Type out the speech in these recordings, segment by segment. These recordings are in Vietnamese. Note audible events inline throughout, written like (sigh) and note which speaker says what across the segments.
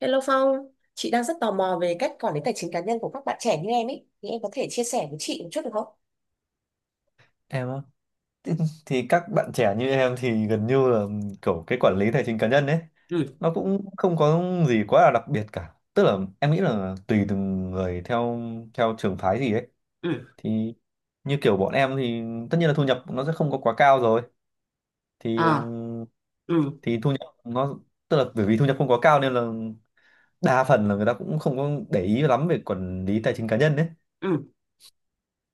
Speaker 1: Hello Phong, chị đang rất tò mò về cách quản lý tài chính cá nhân của các bạn trẻ như em ấy, thì em có thể chia sẻ với chị một chút được không?
Speaker 2: Em á? thì, thì các bạn trẻ như em thì gần như là kiểu cái quản lý tài chính cá nhân ấy
Speaker 1: Ừ.
Speaker 2: nó cũng không có gì quá là đặc biệt cả, tức là em nghĩ là tùy từng người theo theo trường phái gì ấy.
Speaker 1: Ừ.
Speaker 2: Thì như kiểu bọn em thì tất nhiên là thu nhập nó sẽ không có quá cao rồi. thì
Speaker 1: À.
Speaker 2: ừm,
Speaker 1: Ừ.
Speaker 2: thì thu nhập nó, tức là bởi vì thu nhập không quá cao nên là đa phần là người ta cũng không có để ý lắm về quản lý tài chính cá nhân đấy.
Speaker 1: Ừ.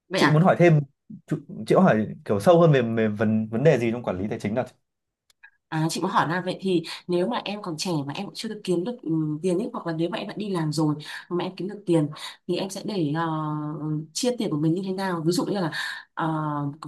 Speaker 1: Vậy
Speaker 2: Chị muốn
Speaker 1: à?
Speaker 2: hỏi thêm? Chị chị có hỏi kiểu sâu hơn về vấn vấn đề gì trong quản lý tài chính nào?
Speaker 1: À, chị muốn hỏi là vậy thì nếu mà em còn trẻ mà em cũng chưa được kiếm được tiền ấy, hoặc là nếu mà em đã đi làm rồi mà em kiếm được tiền, thì em sẽ để chia tiền của mình như thế nào. Ví dụ như là ờ,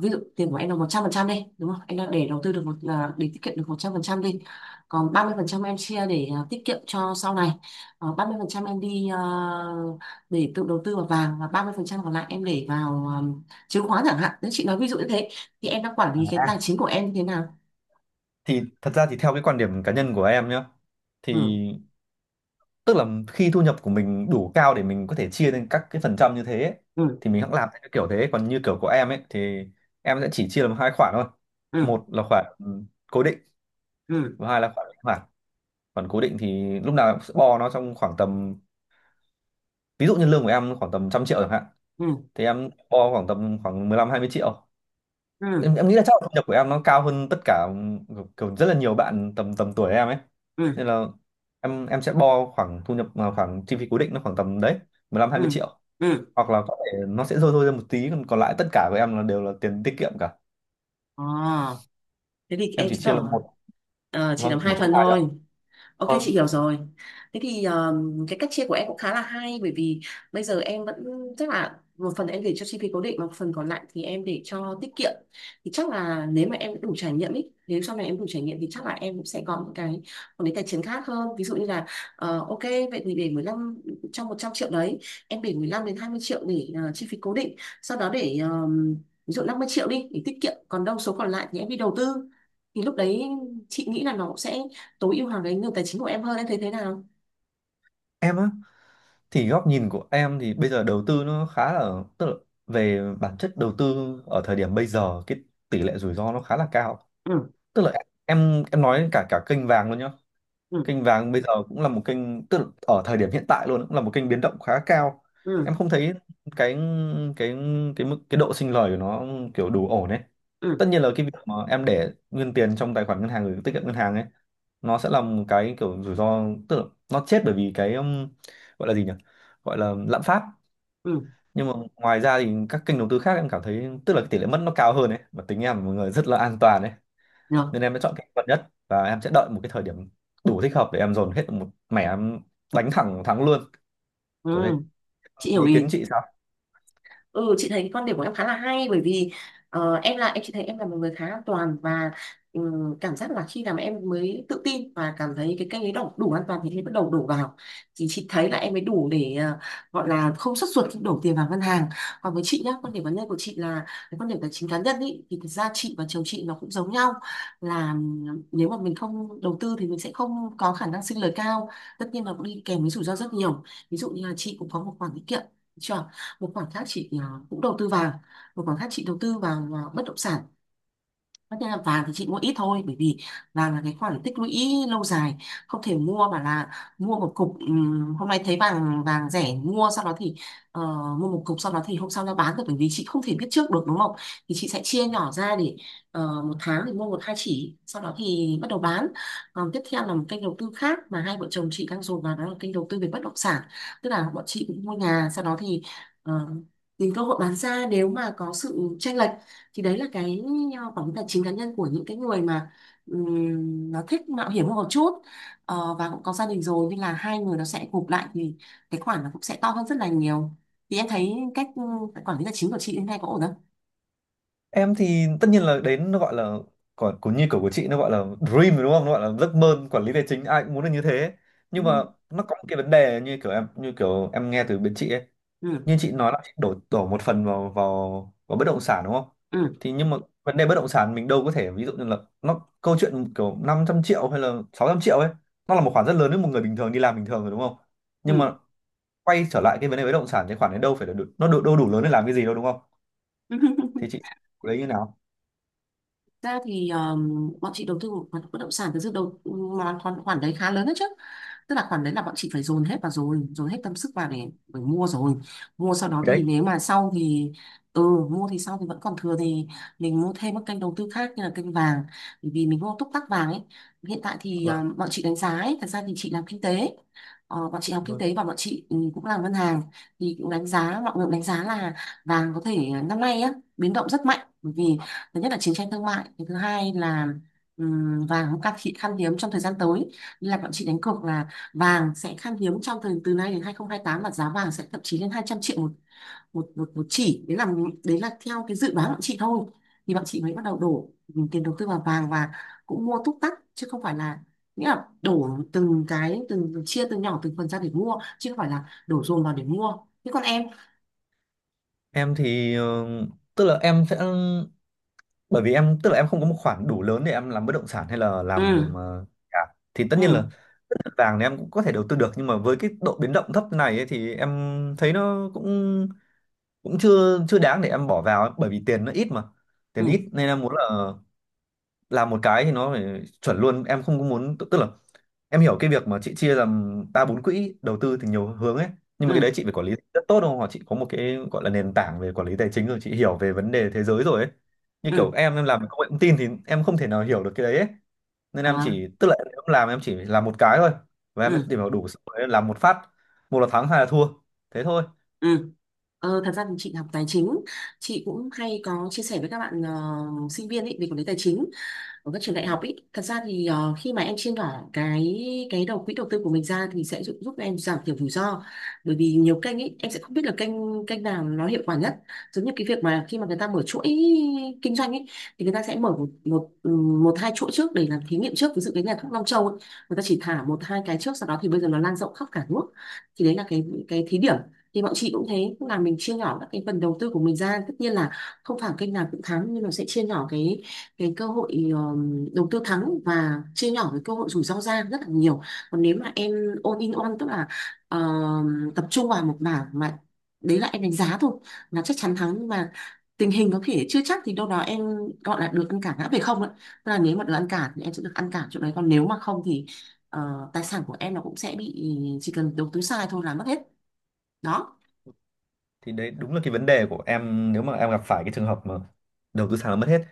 Speaker 1: ví dụ tiền của em là 100% đi đúng không, em đang để đầu tư được một là để tiết kiệm được 100% đi, còn 30% em chia để tiết kiệm cho sau này. Ờ, 30% em đi để tự đầu tư vào vàng, và 30% còn lại em để vào chứng khoán chẳng hạn, nếu chị nói ví dụ như thế, thì em đang quản lý cái tài
Speaker 2: À,
Speaker 1: chính của em như thế nào?
Speaker 2: thì thật ra thì theo cái quan điểm cá nhân của em nhá, thì
Speaker 1: Ừ.
Speaker 2: tức là khi thu nhập của mình đủ cao để mình có thể chia lên các cái phần trăm như thế ấy,
Speaker 1: Ừ.
Speaker 2: thì mình hẵng làm theo cái kiểu thế. Còn như kiểu của em ấy thì em sẽ chỉ chia làm hai khoản thôi.
Speaker 1: Ừ.
Speaker 2: Một là khoản cố định,
Speaker 1: Ừ.
Speaker 2: và hai là khoản linh hoạt. Khoản cố định thì lúc nào em cũng sẽ bo nó trong khoảng tầm, ví dụ như lương của em khoảng tầm 100 triệu chẳng hạn,
Speaker 1: Ừ.
Speaker 2: thì em bo khoảng tầm khoảng 15-20 triệu.
Speaker 1: Ừ.
Speaker 2: Em nghĩ là chắc là thu nhập của em nó cao hơn tất cả kiểu rất là nhiều bạn tầm tầm tuổi em ấy,
Speaker 1: Ừ.
Speaker 2: nên là em sẽ bo khoảng thu nhập à, khoảng chi phí cố định nó khoảng tầm đấy mười lăm hai mươi
Speaker 1: Ừ.
Speaker 2: triệu
Speaker 1: Ừ.
Speaker 2: Hoặc là có thể nó sẽ rơi rơi ra một tí, còn còn lại tất cả của em là đều là tiền tiết kiệm cả.
Speaker 1: Ờ, thế thì
Speaker 2: Em
Speaker 1: em
Speaker 2: chỉ
Speaker 1: chứng
Speaker 2: chia là
Speaker 1: tỏ
Speaker 2: một...
Speaker 1: ờ, chỉ
Speaker 2: Vâng,
Speaker 1: làm
Speaker 2: chỉ một
Speaker 1: hai
Speaker 2: trong
Speaker 1: phần
Speaker 2: hai đó.
Speaker 1: thôi. Ok,
Speaker 2: Vâng.
Speaker 1: chị hiểu rồi. Thế thì cái cách chia của em cũng khá là hay, bởi vì bây giờ em vẫn chắc là một phần em để cho chi phí cố định, mà một phần còn lại thì em để cho tiết kiệm. Thì chắc là nếu mà em đủ trải nghiệm ý, nếu sau này em đủ trải nghiệm thì chắc là em cũng sẽ có những cái một cái tài chính khác hơn. Ví dụ như là ờ, ok, vậy thì để 15 trong 100 triệu đấy, em để 15 đến 20 triệu để chi phí cố định. Sau đó để ví dụ 50 triệu đi để tiết kiệm, còn đâu số còn lại thì em đi đầu tư. Thì lúc đấy chị nghĩ là nó cũng sẽ tối ưu hóa cái nguồn tài chính của em hơn. Em thấy thế nào?
Speaker 2: Em á? Thì góc nhìn của em thì bây giờ đầu tư nó khá là, tức là về bản chất đầu tư ở thời điểm bây giờ cái tỷ lệ rủi ro nó khá là cao.
Speaker 1: Ừ.
Speaker 2: Tức là em nói cả cả kênh vàng luôn nhá.
Speaker 1: Ừ.
Speaker 2: Kênh vàng bây giờ cũng là một kênh, tức là ở thời điểm hiện tại luôn cũng là một kênh biến động khá cao.
Speaker 1: Ừ.
Speaker 2: Em không thấy cái cái cái độ sinh lời của nó kiểu đủ ổn ấy.
Speaker 1: Ừ.
Speaker 2: Tất nhiên là cái việc mà em để nguyên tiền trong tài khoản ngân hàng gửi tiết kiệm ngân hàng ấy, nó sẽ là một cái kiểu rủi ro, tức là nó chết bởi vì cái gọi là gì nhỉ, gọi là lạm phát.
Speaker 1: Ừ.
Speaker 2: Nhưng mà ngoài ra thì các kênh đầu tư khác em cảm thấy tức là cái tỷ lệ mất nó cao hơn ấy, và tính em là một người rất là an toàn ấy,
Speaker 1: Rồi.
Speaker 2: nên em đã chọn cái vật nhất, và em sẽ đợi một cái thời điểm đủ thích hợp để em dồn hết một mẻ, em đánh thẳng thắng luôn,
Speaker 1: Ừ.
Speaker 2: kiểu thế.
Speaker 1: Chị hiểu
Speaker 2: Ý
Speaker 1: ý.
Speaker 2: kiến chị sao?
Speaker 1: Ừ, chị thấy quan điểm của em khá là hay, bởi vì ờ, em là em, chị thấy em là một người khá an toàn, và cảm giác là khi nào mà em mới tự tin và cảm thấy cái kênh ấy đủ an toàn thì em bắt đầu đổ vào, thì chị thấy là em mới đủ để gọi là không sốt ruột khi đổ tiền vào ngân hàng. Còn với chị nhá, quan điểm cá nhân của chị là cái quan điểm tài chính cá nhân ý, thì thực ra chị và chồng chị nó cũng giống nhau, là nếu mà mình không đầu tư thì mình sẽ không có khả năng sinh lời cao, tất nhiên là cũng đi kèm với rủi ro rất nhiều. Ví dụ như là chị cũng có một khoản tiết kiệm chưa? Một khoản khác chị cũng đầu tư vàng, một khoản khác chị đầu tư vào bất động sản. Tất nhiên là vàng thì chị mua ít thôi, bởi vì vàng là cái khoản tích lũy lâu dài, không thể mua mà là mua một cục hôm nay thấy vàng vàng rẻ mua, sau đó thì ờ, mua một cục sau đó thì hôm sau ra bán được, bởi vì chị không thể biết trước được đúng không. Thì chị sẽ chia nhỏ ra để một tháng thì mua một hai chỉ, sau đó thì bắt đầu bán. Còn tiếp theo là một kênh đầu tư khác mà hai vợ chồng chị đang dồn vào, đó là kênh đầu tư về bất động sản, tức là bọn chị cũng mua nhà sau đó thì ờ, tìm cơ hội bán ra nếu mà có sự chênh lệch. Thì đấy là cái quản lý tài chính cá nhân của những cái người mà nó thích mạo hiểm hơn một chút. Ờ, và cũng có gia đình rồi nên là hai người nó sẽ gộp lại thì cái khoản nó cũng sẽ to hơn rất là nhiều. Thì em thấy cách quản lý tài chính của chị đến nay có ổn không?
Speaker 2: Em thì tất nhiên là đến nó gọi là, còn cũng như kiểu của chị nó gọi là dream rồi đúng không, nó gọi là giấc mơ quản lý tài chính, ai cũng muốn được như thế.
Speaker 1: Ừ.
Speaker 2: Nhưng mà nó có một cái vấn đề như kiểu em nghe từ bên chị ấy,
Speaker 1: Ừ.
Speaker 2: như chị nói là chị đổ đổ một phần vào vào vào bất động sản đúng không?
Speaker 1: Ừ.
Speaker 2: Thì nhưng mà vấn đề bất động sản mình đâu có thể, ví dụ như là nó, câu chuyện kiểu 500 triệu hay là 600 triệu ấy, nó là một khoản rất lớn với một người bình thường đi làm bình thường rồi đúng không? Nhưng
Speaker 1: Ừ.
Speaker 2: mà quay trở lại cái vấn đề bất động sản, cái khoản đấy đâu phải là đủ, nó đủ, đâu đủ lớn để làm cái gì đâu đúng không? Thì
Speaker 1: (laughs)
Speaker 2: chị lấy như nào?
Speaker 1: Ra thì bọn chị đầu tư một khoản bất động sản thực sự đầu, mà khoản khoản đấy khá lớn đấy chứ, tức là khoản đấy là bọn chị phải dồn hết vào rồi, dồn hết tâm sức vào để mua rồi. Mua sau đó thì
Speaker 2: Đấy.
Speaker 1: nếu mà sau thì ừ, mua thì sau thì vẫn còn thừa thì mình mua thêm các kênh đầu tư khác như là kênh vàng, bởi vì mình mua túc tắc vàng ấy. Hiện tại thì
Speaker 2: Vâng.
Speaker 1: bọn chị đánh giá ấy, thật ra thì chị làm kinh tế. Ờ, bọn chị học kinh
Speaker 2: Vâng.
Speaker 1: tế và bọn chị cũng làm ngân hàng, thì cũng đánh giá, mọi người cũng đánh giá là vàng có thể ờ, năm nay á biến động rất mạnh, bởi vì thứ nhất là chiến tranh thương mại, cái thứ hai là vàng cũng khan hiếm trong thời gian tới. Nên là bọn chị đánh cược là vàng sẽ khan hiếm trong thời từ nay đến 2028, và giá vàng sẽ thậm chí lên 200 triệu một một chỉ. Đấy là đấy là theo cái dự đoán của bọn chị thôi. Thì bọn chị mới bắt đầu đổ tiền đầu tư vào vàng, và cũng mua túc tắc chứ không phải là, nghĩa là đổ từng cái từng chia từ nhỏ từng phần ra để mua chứ không phải là đổ dồn vào để mua. Thế còn em?
Speaker 2: Em thì ờ, tức là em sẽ, bởi vì em tức là em không có một khoản đủ lớn để em làm bất động sản hay là làm
Speaker 1: Ừ.
Speaker 2: ờ, nhà. Thì tất nhiên là
Speaker 1: Ừ.
Speaker 2: vàng thì em cũng có thể đầu tư được, nhưng mà với cái độ biến động thấp này ấy, thì em thấy nó cũng cũng chưa chưa đáng để em bỏ vào ấy, bởi vì tiền nó ít mà.
Speaker 1: Ừ.
Speaker 2: Tiền ít nên em muốn là làm một cái thì nó phải chuẩn luôn, em không có muốn, tức là em hiểu cái việc mà chị chia làm ba bốn quỹ đầu tư thì nhiều hướng ấy, nhưng mà cái đấy
Speaker 1: Ừ.
Speaker 2: chị phải quản lý rất tốt đúng không, hoặc chị có một cái gọi là nền tảng về quản lý tài chính rồi, chị hiểu về vấn đề thế giới rồi ấy. Như kiểu
Speaker 1: Ừ.
Speaker 2: em làm công nghệ thông tin thì em không thể nào hiểu được cái đấy ấy, nên em
Speaker 1: À.
Speaker 2: chỉ, tức là em làm, em chỉ làm một cái thôi, và em
Speaker 1: Ừ.
Speaker 2: tìm hiểu đủ xong rồi em làm một phát. Một là thắng hai là thua, thế thôi.
Speaker 1: Ừ. Ờ, thật ra thì chị học tài chính, chị cũng hay có chia sẻ với các bạn ờ, sinh viên ấy về quản lý tài chính ở các trường đại học ý. Thật ra thì ờ, khi mà em chia nhỏ cái đầu quỹ đầu tư của mình ra thì sẽ giúp em giảm thiểu rủi ro, bởi vì nhiều kênh ý em sẽ không biết là kênh kênh nào nó hiệu quả nhất. Giống như cái việc mà khi mà người ta mở chuỗi kinh doanh ý, thì người ta sẽ mở một một ừ, một hai chuỗi trước để làm thí nghiệm trước. Ví dụ cái nhà thuốc Long Châu ấy, người ta chỉ thả một hai cái trước, sau đó thì bây giờ nó lan rộng khắp cả nước. Thì đấy là cái thí điểm. Thì bọn chị cũng thế, cũng là mình chia nhỏ các cái phần đầu tư của mình ra, tất nhiên là không phải kênh nào cũng thắng, nhưng nó sẽ chia nhỏ cái cơ hội đầu tư thắng và chia nhỏ cái cơ hội rủi ro ra rất là nhiều. Còn nếu mà em all in one, tức là tập trung vào một mảng mà đấy là em đánh giá thôi, là chắc chắn thắng, nhưng mà tình hình có thể chưa chắc, thì đâu đó em gọi là được ăn cả ngã về không ạ. Tức là nếu mà được ăn cả thì em sẽ được ăn cả chỗ đấy, còn nếu mà không thì ờ, tài sản của em nó cũng sẽ bị, chỉ cần đầu tư sai thôi là mất hết. Đó.
Speaker 2: Thì đấy đúng là cái vấn đề của em nếu mà em gặp phải cái trường hợp mà đầu tư sàn là mất hết.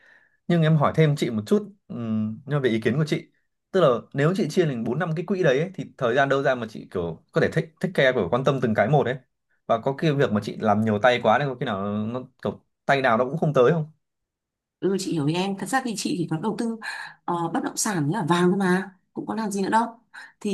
Speaker 2: Nhưng em hỏi thêm chị một chút nhưng mà về ý kiến của chị, tức là nếu chị chia thành bốn năm cái quỹ đấy ấy, thì thời gian đâu ra mà chị kiểu có thể thích thích care kiểu quan tâm từng cái một ấy, và có cái việc mà chị làm nhiều tay quá nên có khi nào nó kiểu tay nào nó cũng không tới không?
Speaker 1: Ừ, chị hiểu ý em. Thật ra thì chị chỉ có đầu tư ờ, bất động sản với cả vàng thôi mà, cũng có làm gì nữa đâu. Thì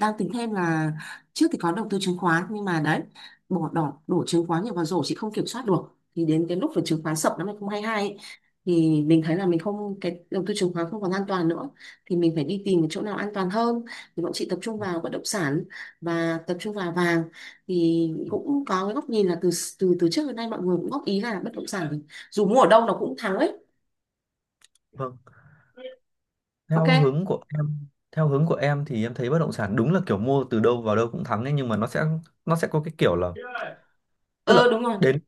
Speaker 1: đang tính thêm là, trước thì có đầu tư chứng khoán, nhưng mà đấy, bỏ đỏ đổ chứng khoán nhiều vào rổ chị không kiểm soát được. Thì đến cái lúc về chứng khoán sập năm 2022 ấy, thì mình thấy là mình không, cái đầu tư chứng khoán không còn an toàn nữa, thì mình phải đi tìm cái chỗ nào an toàn hơn. Thì bọn chị tập trung vào bất động sản và tập trung vào vàng. Thì cũng có cái góc nhìn là từ từ từ trước đến nay mọi người cũng góp ý là bất động sản dù mua ở đâu nó cũng thắng ấy.
Speaker 2: Vâng.
Speaker 1: Ok.
Speaker 2: Theo hướng của em, theo hướng của em thì em thấy bất động sản đúng là kiểu mua từ đâu vào đâu cũng thắng ấy, nhưng mà nó sẽ, nó sẽ có cái kiểu là, tức là
Speaker 1: Ờ, đúng rồi.
Speaker 2: đến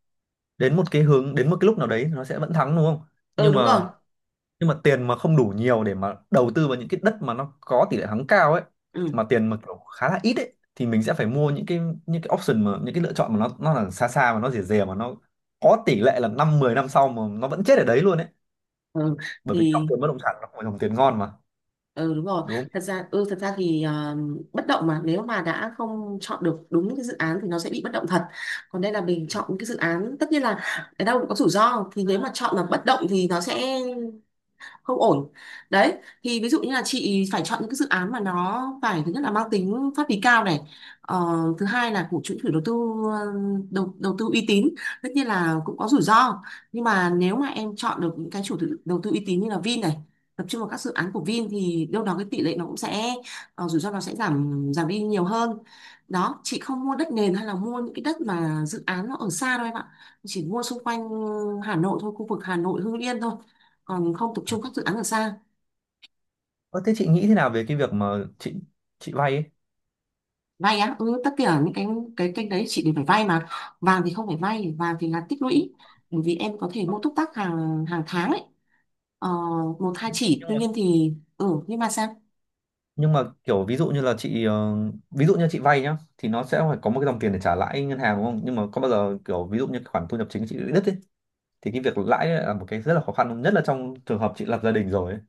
Speaker 2: đến một cái hướng, đến một cái lúc nào đấy thì nó sẽ vẫn thắng đúng không?
Speaker 1: Ờ,
Speaker 2: nhưng
Speaker 1: đúng rồi.
Speaker 2: mà nhưng mà tiền mà không đủ nhiều để mà đầu tư vào những cái đất mà nó có tỷ lệ thắng cao ấy,
Speaker 1: Ừ.
Speaker 2: mà tiền mà kiểu khá là ít ấy, thì mình sẽ phải mua những cái, những cái option, mà những cái lựa chọn mà nó là xa xa mà nó rẻ rẻ, mà nó có tỷ lệ là 5-10 năm sau mà nó vẫn chết ở đấy luôn ấy,
Speaker 1: Ừ
Speaker 2: bởi vì dòng
Speaker 1: thì
Speaker 2: tiền bất động sản nó không phải dòng tiền ngon mà,
Speaker 1: ừ đúng rồi,
Speaker 2: đúng không?
Speaker 1: thật ra ừ thật ra thì bất động mà nếu mà đã không chọn được đúng cái dự án thì nó sẽ bị bất động thật. Còn đây là mình chọn cái dự án, tất nhiên là ở đâu cũng có rủi ro, thì nếu mà chọn là bất động thì nó sẽ không ổn. Đấy. Thì ví dụ như là chị phải chọn những cái dự án mà nó phải thứ nhất là mang tính pháp lý cao này. Ờ, thứ hai là của chủ chủ đầu tư ờ, đầu tư uy tín. Tất nhiên là cũng có rủi ro, nhưng mà nếu mà em chọn được những cái đầu tư uy tín như là Vin này, tập trung vào các dự án của Vin thì đâu đó cái tỷ lệ nó cũng sẽ ờ, rủi ro nó sẽ giảm giảm đi nhiều hơn. Đó. Chị không mua đất nền hay là mua những cái đất mà dự án nó ở xa đâu em ạ. Chỉ mua xung quanh Hà Nội thôi, khu vực Hà Nội Hưng Yên thôi, còn không tập trung các dự án ở xa.
Speaker 2: Ơ, thế chị nghĩ thế nào về cái việc mà chị vay ấy?
Speaker 1: Vay á? Ừ, tất cả những cái kênh đấy chị đều phải vay mà. Vàng thì không phải vay, vàng thì là tích lũy, bởi vì em có thể mua túc tắc hàng hàng tháng ấy, ờ, một hai chỉ.
Speaker 2: Nhưng
Speaker 1: Tuy
Speaker 2: mà,
Speaker 1: nhiên thì ừ, nhưng mà sao?
Speaker 2: nhưng mà kiểu ví dụ như là chị ờ, ví dụ như chị vay nhá, thì nó sẽ phải có một cái dòng tiền để trả lãi ngân hàng đúng không? Nhưng mà có bao giờ kiểu ví dụ như khoản thu nhập chính chị bị đứt ấy, thì cái việc lãi ấy là một cái rất là khó khăn không? Nhất là trong trường hợp chị lập gia đình rồi ấy.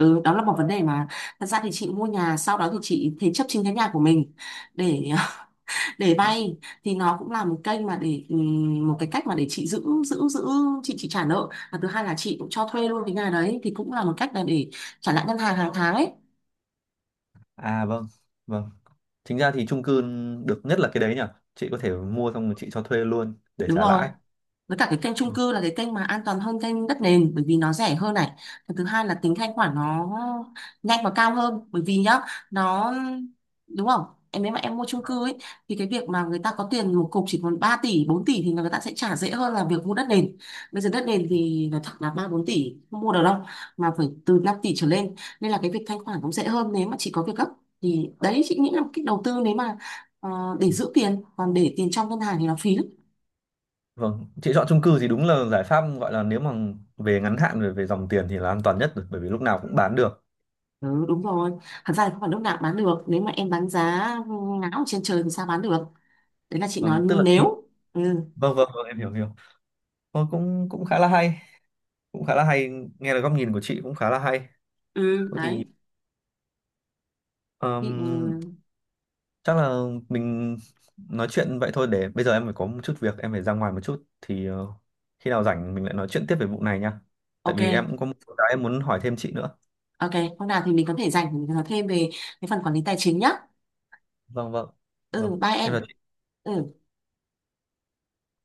Speaker 1: Ừ, đó là một vấn đề mà thật ra thì chị mua nhà sau đó thì chị thế chấp chính cái nhà của mình để (laughs) để vay. Thì nó cũng là một kênh mà để một cái cách mà để chị giữ giữ giữ chị trả nợ, và thứ hai là chị cũng cho thuê luôn cái nhà đấy, thì cũng là một cách là để trả lại ngân hàng hàng tháng ấy.
Speaker 2: À vâng, vâng. Chính ra thì chung cư được nhất là cái đấy nhỉ. Chị có thể mua xong rồi chị cho thuê luôn để
Speaker 1: Đúng
Speaker 2: trả
Speaker 1: rồi.
Speaker 2: lãi.
Speaker 1: Với cả cái kênh chung
Speaker 2: Ừ.
Speaker 1: cư là cái kênh mà an toàn hơn kênh đất nền, bởi vì nó rẻ hơn này. Và thứ hai là tính thanh khoản nó nhanh và cao hơn, bởi vì nhá, nó, đúng không, em nếu mà em mua chung cư ấy, thì cái việc mà người ta có tiền một cục chỉ còn 3 tỷ 4 tỷ thì người ta sẽ trả dễ hơn là việc mua đất nền. Bây giờ đất nền thì nói thật là 3 4 tỷ không mua được đâu, mà phải từ 5 tỷ trở lên. Nên là cái việc thanh khoản cũng dễ hơn nếu mà chỉ có việc gấp. Thì đấy chị nghĩ là một cách đầu tư nếu mà ờ, để giữ tiền, còn để tiền trong ngân hàng thì nó phí lắm.
Speaker 2: Vâng, chị chọn chung cư thì đúng là giải pháp, gọi là nếu mà về ngắn hạn, về về dòng tiền thì là an toàn nhất rồi, bởi vì lúc nào cũng bán được.
Speaker 1: Ừ, đúng rồi. Thật ra thì không phải lúc nào cũng bán được. Nếu mà em bán giá ngáo ở trên trời thì sao bán được. Đấy là chị nói
Speaker 2: Vâng tức là khi-
Speaker 1: nếu. Ừ.
Speaker 2: Vâng, vâng, vâng, em hiểu, hiểu. Ờ, cũng cũng khá là hay, cũng khá là hay, nghe được góc nhìn của chị cũng khá là hay.
Speaker 1: Ừ
Speaker 2: Thôi thì,
Speaker 1: đấy. Thì, ừ,
Speaker 2: ờm, chắc là mình nói chuyện vậy thôi, để bây giờ em phải có một chút việc, em phải ra ngoài một chút, thì ờ, khi nào rảnh mình lại nói chuyện tiếp về vụ này nha, tại
Speaker 1: ok,
Speaker 2: vì em cũng có một số cái em muốn hỏi thêm chị nữa.
Speaker 1: ok. Hôm nào thì mình có thể dành để mình nói thêm về cái phần quản lý tài chính nhá.
Speaker 2: Vâng, vâng,
Speaker 1: Ừ,
Speaker 2: vâng,
Speaker 1: bye em.
Speaker 2: em là
Speaker 1: Ừ.